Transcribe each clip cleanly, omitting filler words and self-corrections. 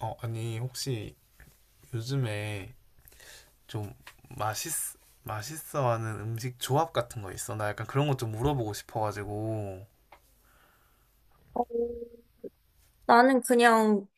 어, 아니, 혹시 요즘에 좀 맛있, 맛있어하는 음식 조합 같은 거 있어? 나 약간 그런 것 좀 물어보고 싶어가지고. 어, 나는 그냥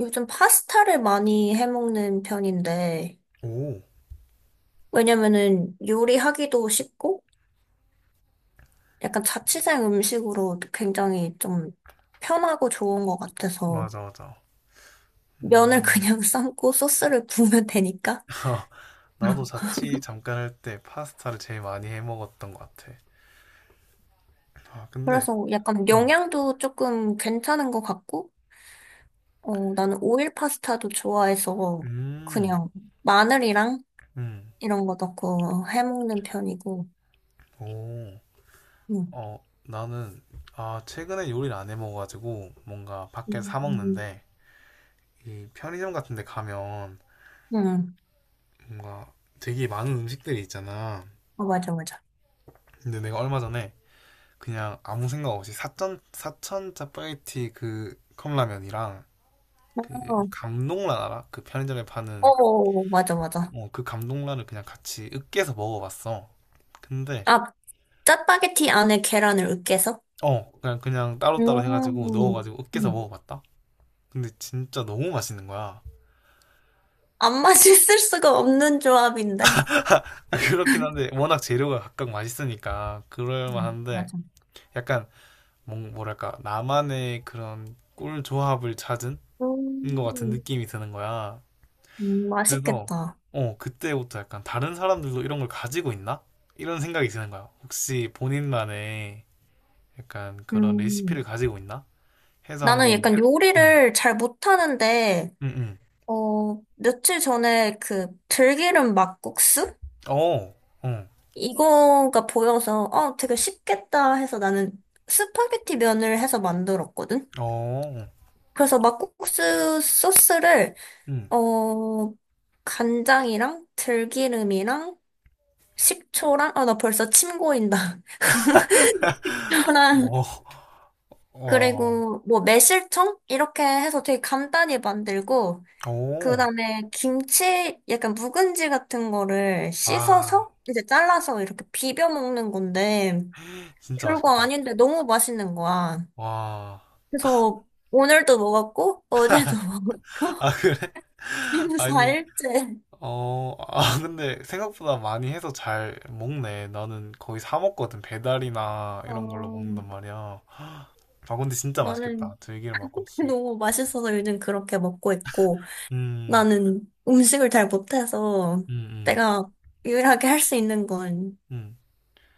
요즘 파스타를 많이 해먹는 편인데, 오, 왜냐면은 요리하기도 쉽고, 약간 자취생 음식으로 굉장히 좀 편하고 좋은 것 같아서, 맞아, 맞아. 면을 음, 그냥 삶고 소스를 부으면 되니까. 나도 자취 잠깐 할 때 파스타를 제일 많이 해 먹었던 것 같아. 아, 근데, 그래서 약간 음, 영양도 조금 괜찮은 것 같고, 어, 나는 오일 파스타도 좋아해서 음, 그냥 마늘이랑 음, 이런 거 넣고 해먹는 편이고, 오, 음 어, 나는, 아, 최근에 요리를 안 해 먹어가지고, 뭔가 밖에서 사 음, 먹는데, 이 편의점 같은 데 가면, 음 뭔가 되게 많은 음식들이 있잖아. 어, 맞아, 맞아. 근데 내가 얼마 전에 그냥 아무 생각 없이 사천 짜파게티 그 컵라면이랑 어, 그 감동란 알아? 그 편의점에 어, 파는. 어, 맞아, 맞아. 어, 그 감동란을 그냥 같이 으깨서 먹어봤어. 근데 아, 짜파게티 안에 계란을 으깨서? 어 그냥 따로따로 해가지고 음, 넣어가지고 으깨서 음. 먹어봤다. 근데 진짜 너무 맛있는 거야. 안 맛있을 수가 없는 조합인데. 그렇긴 한데 워낙 재료가 각각 맛있으니까 그럴만한데 맞아. 약간 뭐랄까 나만의 그런 꿀 조합을 찾은 것 같은 음, 느낌이 드는 거야. 그래서 맛있겠다. 어, 그때부터 약간 다른 사람들도 이런 걸 가지고 있나? 이런 생각이 드는 거야. 혹시 본인만의 약간 그런 레시피를 음. 가지고 있나? 해서 나는 한번. 약간 음, 요리를 잘 못하는데, 음, 음. 어, 며칠 전에 그 들기름 막국수? 어, 응, 이거가 보여서, 어, 되게 쉽겠다 해서 나는 스파게티 면을 해서 만들었거든? 어, 그래서 막국수 소스를 응, 어, 간장이랑 들기름이랑 식초랑, 아, 나 벌써 침 고인다. 초랑, 어, 와, 그리고 뭐 매실청? 이렇게 해서 되게 간단히 만들고, 그 어, 다음에 김치, 약간 묵은지 같은 거를 아, 씻어서, 이제 잘라서 이렇게 비벼 먹는 건데, 진짜 별거 맛있겠다. 아닌데 너무 맛있는 거야. 와, 그래서 오늘도 먹었고, 어제도 아, 먹었고, 그래? 지금 아니, 4일째. 어, 아, 근데 생각보다 많이 해서 잘 먹네. 나는 거의 사 먹거든. 배달이나 이런 걸로 어, 먹는단 말이야. 아, 근데 진짜 맛있겠다. 나는 들기름 막국수. 너무 맛있어서 요즘 그렇게 먹고 있고, 음, 나는 음식을 잘 못해서 음, 음, 내가 유일하게 할 수 있는 건 음,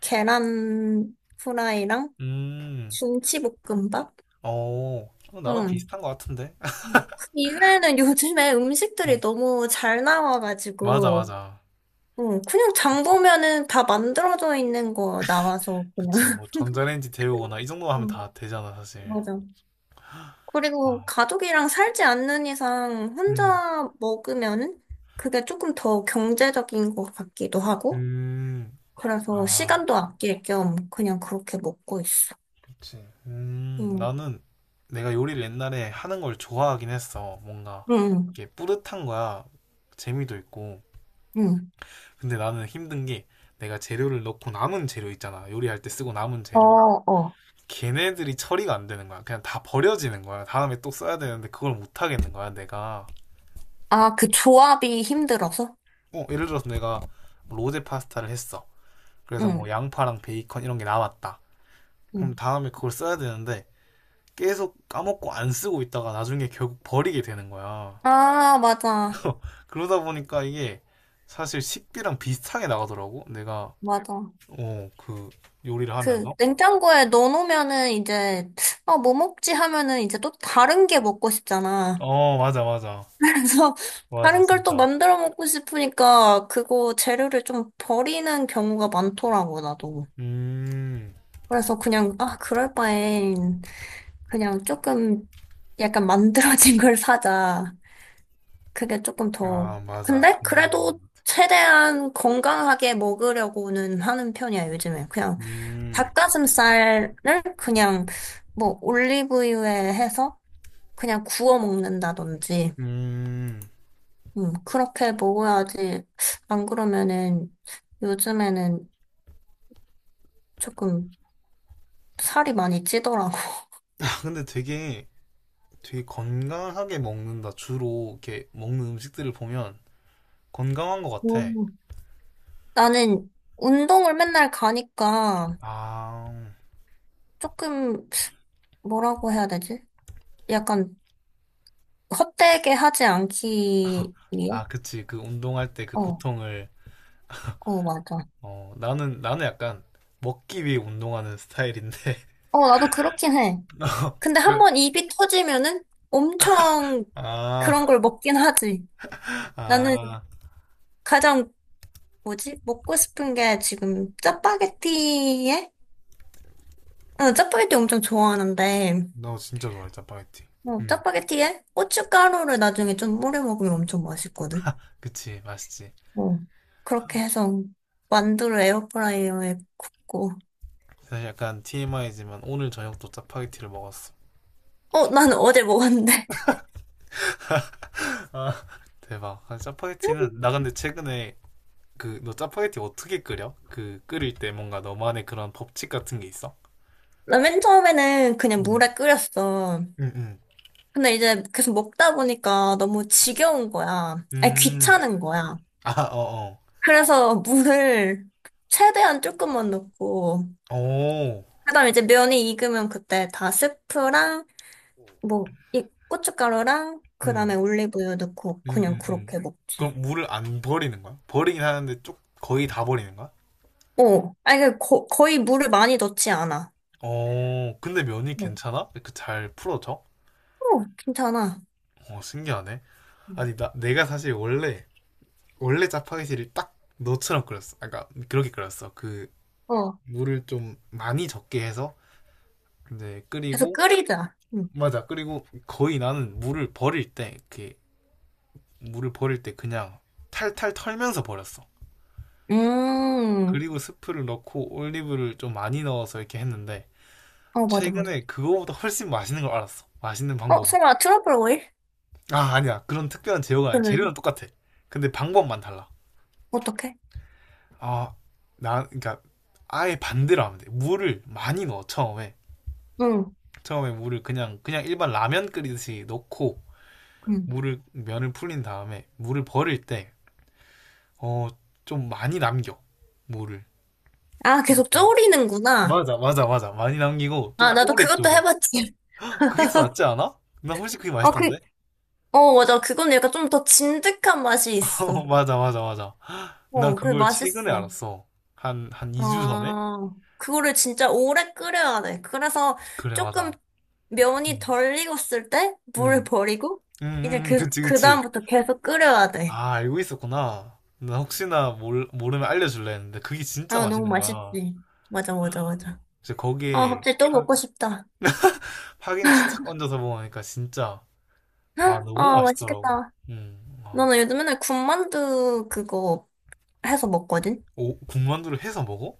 계란 후라이랑 음. 김치볶음밥? 어, 이거 나랑 응. 비슷한 것 같은데? 그 이외에는 요즘에 음, 음식들이 너무 잘 맞아, 나와가지고, 맞아. 응. 그냥 장 그치, 보면은 다 만들어져 있는 거 나와서 그냥. 그치. 뭐 전자레인지 데우거나 이 정도만 하면 응, 다 되잖아, 사실. 맞아. 아, 그리고 가족이랑 살지 않는 이상 음, 혼자 먹으면 그게 조금 더 경제적인 것 같기도 하고, 음. 그래서 아, 시간도 아낄 겸 그냥 그렇게 먹고 있어. 그치. 응, 나는 내가 요리를 옛날에 하는 걸 좋아하긴 했어. 뭔가 응, 이게 뿌듯한 거야. 재미도 있고. 응. 근데 나는 힘든 게 내가 재료를 넣고 남은 재료 있잖아. 요리할 때 쓰고 남은 어, 재료. 어. 걔네들이 처리가 안 되는 거야. 그냥 다 버려지는 거야. 다음에 또 써야 되는데 그걸 못 하겠는 거야, 내가. 아, 그 조합이 힘들어서? 어, 예를 들어서 내가 뭐 로제 파스타를 했어. 그래서 뭐 응, 양파랑 베이컨 이런 게 남았다. 그럼 응. 다음에 그걸 써야 되는데 계속 까먹고 안 쓰고 있다가 나중에 결국 버리게 되는 거야. 아, 맞아, 그러다 보니까 이게 사실 식비랑 비슷하게 나가더라고. 내가 맞아. 어, 그 요리를 그 하면서. 냉장고에 넣어놓으면은 이제, 아, 뭐 먹지 하면은 이제 또 다른 게 먹고 싶잖아. 어, 맞아, 맞아. 그래서 맞아, 다른 걸 또 진짜. 만들어 먹고 싶으니까 그거 재료를 좀 버리는 경우가 많더라고, 나도. 음. 그래서 그냥, 아, 그럴 바엔 그냥 조금 약간 만들어진 걸 사자. 그게 조금 더. 아, 맞아. 근데 그래도 최대한 건강하게 먹으려고는 하는 편이야, 요즘에. 그냥 음. 닭가슴살을 그냥 뭐 올리브유에 해서 그냥 구워 먹는다든지. 음. 그렇게 먹어야지. 안 그러면은 요즘에는 조금 살이 많이 찌더라고. 아, 근데 되게 건강하게 먹는다. 주로 이렇게 먹는 음식들을 보면 건강한 것 같아. 음. 나는 운동을 맨날 가니까 아. 조금 뭐라고 해야 되지? 약간 헛되게 하지 않기 위해? 아, 그치. 그 운동할 때 그 어, 고통을. 어, 맞아. 어, 나는 약간 먹기 위해 운동하는 스타일인데. 어, 나도 그렇긴 해. 근데 한 번 입이 터지면은 엄청 아, 그런 걸 먹긴 하지. 나는 아, 가장 뭐지? 먹고 싶은 게 지금 짜파게티에 나 짜파게티 엄청 좋아하는데, 너 진짜 좋아해, 짜파게티. 뭐, 음, 짜파게티에 고춧가루를 나중에 좀 뿌려 먹으면 엄청 맛있거든. 그치, 맛있지. 뭐, 그렇게 해서 만두를 에어프라이어에 굽고. 사실 약간 TMI지만 오늘 저녁도 짜파게티를 먹었어. 어, 나는 어제 먹었는데. 아, 대박. 아, 짜파게티는, 나 근데 최근에 그, 너 짜파게티 어떻게 끓여? 그, 끓일 때 뭔가 너만의 그런 법칙 같은 게 있어? 나 맨 처음에는 그냥 음, 물에 끓였어. 음, 음. 근데 이제 계속 먹다 보니까 너무 지겨운 거야. 아니, 음. 귀찮은 거야. 아, 어, 그래서 물을 최대한 조금만 넣고, 어. 오, 그다음에 이제 면이 익으면 그때 다 스프랑 뭐, 이 고춧가루랑 그다음에 음, 올리브유 넣고 음, 그냥 음, 음. 그렇게 먹지. 그럼 물을 안 버리는 거야? 버리긴 하는데 쪽 거의 다 버리는 거야? 어, 아니 거의 물을 많이 넣지 않아. 어, 근데 면이 어, 괜찮아? 그 잘 풀어져? 어, 괜찮아. 어 신기하네. 음. 아니 나 내가 사실 원래 짜파게티를 딱 너처럼 끓였어. 아까 그렇게 끓였어. 그 어, 물을 좀 많이 적게 해서 이제 계속 끓이고 끓이자. 맞아. 그리고 거의 나는 물을 버릴 때 그냥 탈탈 털면서 버렸어. 음, 그리고 스프를 넣고 올리브를 좀 많이 넣어서 이렇게 했는데 어, 맞아, 맞아. 최근에 그거보다 훨씬 맛있는 걸 알았어. 맛있는 어, 방법을. 설마 트러플 오일? 아 아니야 그런 특별한 재료가 아니야. 그러면 재료는 똑같아. 근데 방법만 달라. 어떡해? 아, 나 그러니까 아예 반대로 하면 돼. 물을 많이 넣어 처음에. 응, 처음에 물을 그냥 일반 라면 끓이듯이 넣고 응. 물을 면을 풀린 다음에 물을 버릴 때 어, 좀 많이 남겨. 물을. 아, 계속 응. 졸이는구나. 맞아. 많이 남기고 좀 아, 나도 오래 그것도 졸여. 해봤지. 그게 더 낫지 않아? 난 훨씬 그게 아, 그, 맛있던데. 어, 맞아. 그건 약간 좀 더 진득한 맛이 어, 있어. 맞아. 난 어, 그 그걸 최근에 맛있어. 알았어. 한 2주 전에? 아, 그거를 진짜 오래 끓여야 돼. 그래서 그래, 조금 맞아. 면이 음. 덜 익었을 때 물을 음. 버리고 음, 이제 그, 그치, 그 그치. 다음부터 계속 끓여야 돼. 아, 알고 있었구나. 나 혹시나 모르면 알려줄래 했는데 그게 진짜 아, 너무 맛있는 거야. 맛있지. 맞아, 맞아, 맞아. 그래서 아, 거기에 갑자기 또 먹고 싶다. 파김치 착 얹어서 먹으니까 진짜 와 헉, 너무 아, 맛있더라고. 맛있겠다. 와. 너는 요즘 맨날 군만두 그거 해서 먹거든? 오, 군만두를 해서 먹어?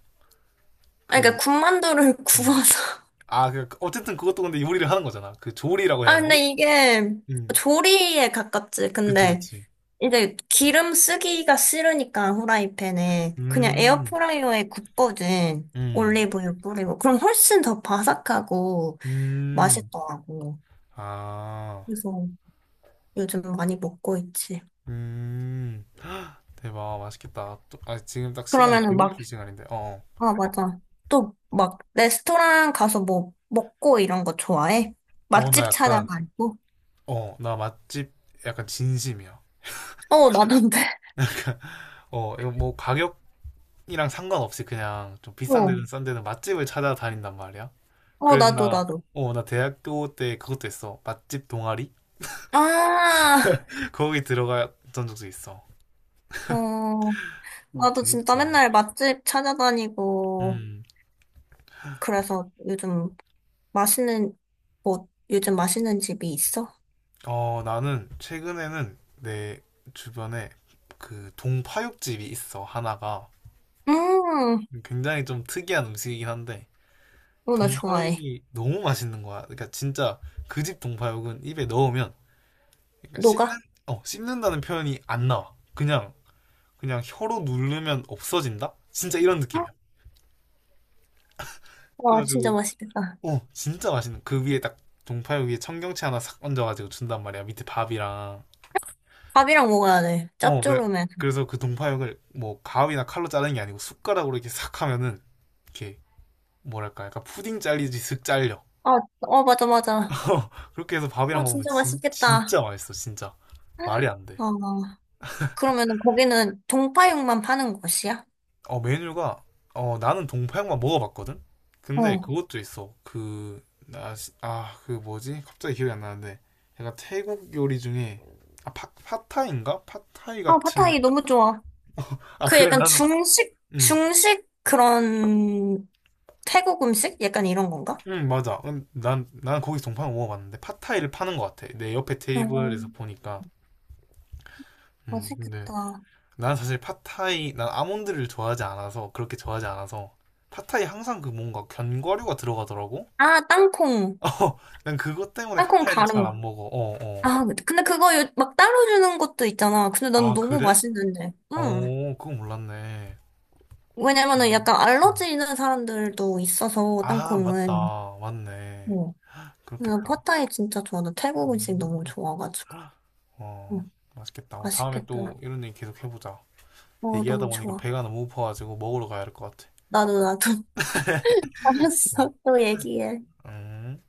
아, 그, 그러니까 군만두를 음. 구워서. 아, 그, 어쨌든 그것도 근데 요리를 하는 거잖아. 그 조리라고 아, 해야 되나? 근데 이게 음, 조리에 가깝지. 그치, 근데 그치. 이제 기름 쓰기가 싫으니까 후라이팬에 그냥 음, 에어프라이어에 굽거든. 음, 올리브유 뿌리고. 그럼 훨씬 더 바삭하고 음. 맛있더라고. 아, 그래서 요즘 많이 먹고 있지. 음. 헉, 대박, 맛있겠다. 또, 아, 지금 딱 시간이 그러면은 막, 배고플 시간인데. 어, 아, 맞아. 또 막 레스토랑 가서 뭐 먹고 이런 거 좋아해? 어, 나 맛집 약간 찾아가고? 어, 나 맛집 약간 진심이야. 어, 나도인데. 어, 이거 뭐 가격이랑 상관없이 그냥 좀 비싼 어, 데든 싼 데든 맛집을 찾아다닌단 말이야. 어, 그래서 나도, 나, 나도. 어, 나 대학교 때 그것도 했어. 맛집 동아리? 아, 거기 들어갔던 적도 있어. 어, 나도 진짜 재밌지. 맨날 맛집 찾아다니고. 음, 그래서 요즘 맛있는, 뭐, 요즘 맛있는 집이 있어? 어, 나는 최근에는 내 주변에 그 동파육집이 있어, 하나가. 음, 굉장히 좀 특이한 음식이긴 한데, 어, 나 좋아해. 동파육이 너무 맛있는 거야. 그러니까 진짜 그 집 동파육은 입에 넣으면 그러니까 씹는 녹아? 어 씹는다는 표현이 안 나와. 그냥 혀로 누르면 없어진다. 진짜 이런 느낌이야. 와, 진짜 그래가지고 맛있겠다. 어 진짜 맛있는 그 위에 딱 동파육 위에 청경채 하나 싹 얹어가지고 준단 말이야. 밑에 밥이랑 밥이랑 먹어야 돼. 어 그, 짭조름해. 그래서 그 동파육을 뭐 가위나 칼로 자르는 게 아니고 숟가락으로 이렇게 싹 하면은 이렇게 뭐랄까 약간 푸딩 잘리듯이 슥 잘려. 아, 어, 맞아, 맞아. 그렇게 해서 밥이랑 아, 먹으면 진짜 맛있겠다. 진짜 맛있어 진짜 말이 안 돼. 어, 그러면 거기는 동파육만 파는 곳이야? 어, 메뉴가, 어, 나는 동파육만 먹어봤거든? 근데 어. 그것도 있어. 그, 나, 아, 그 뭐지? 갑자기 기억이 안 나는데. 약간 태국 요리 중에, 아, 팟타이인가? 팟타이 아, 같은. 팟타이 너무 좋아. 아, 그 그래, 약간 나는, 중식, 응, 중식 그런 태국 음식? 약간 이런 건가? 응, 맞아. 난 거기서 동파육 먹어봤는데, 팟타이를 파는 것 같아. 내 옆에 어, 테이블에서 보니까. 근데, 맛있겠다. 난 사실 팟타이, 난 아몬드를 좋아하지 않아서, 그렇게 좋아하지 않아서, 팟타이 항상 그 뭔가 견과류가 들어가더라고? 아, 땅콩. 어, 난 그것 때문에 땅콩 팟타이를 잘 가른 안 거. 먹어. 어, 어. 아, 근데 그거 요- 막 따로 주는 것도 있잖아. 근데 난 아, 너무 그래? 맛있는데. 응. 어, 그거 몰랐네. 왜냐면은 음, 약간 음. 알러지 있는 사람들도 있어서, 아, 땅콩은. 맞다. 맞네. 어. 그냥 그렇겠다. 팟타이 진짜 좋아. 나 태국 음식 너무 음. 좋아가지고. 헉, 어, 응. 맛있겠다. 우리 다음에 맛있겠다. 또 이런 얘기 계속 해보자. 어, 얘기하다 너무 보니까 좋아. 배가 너무 고파가지고 먹으러 가야 할 것 같아. 나도, 나도. 알았어. 또 얘기해. 음.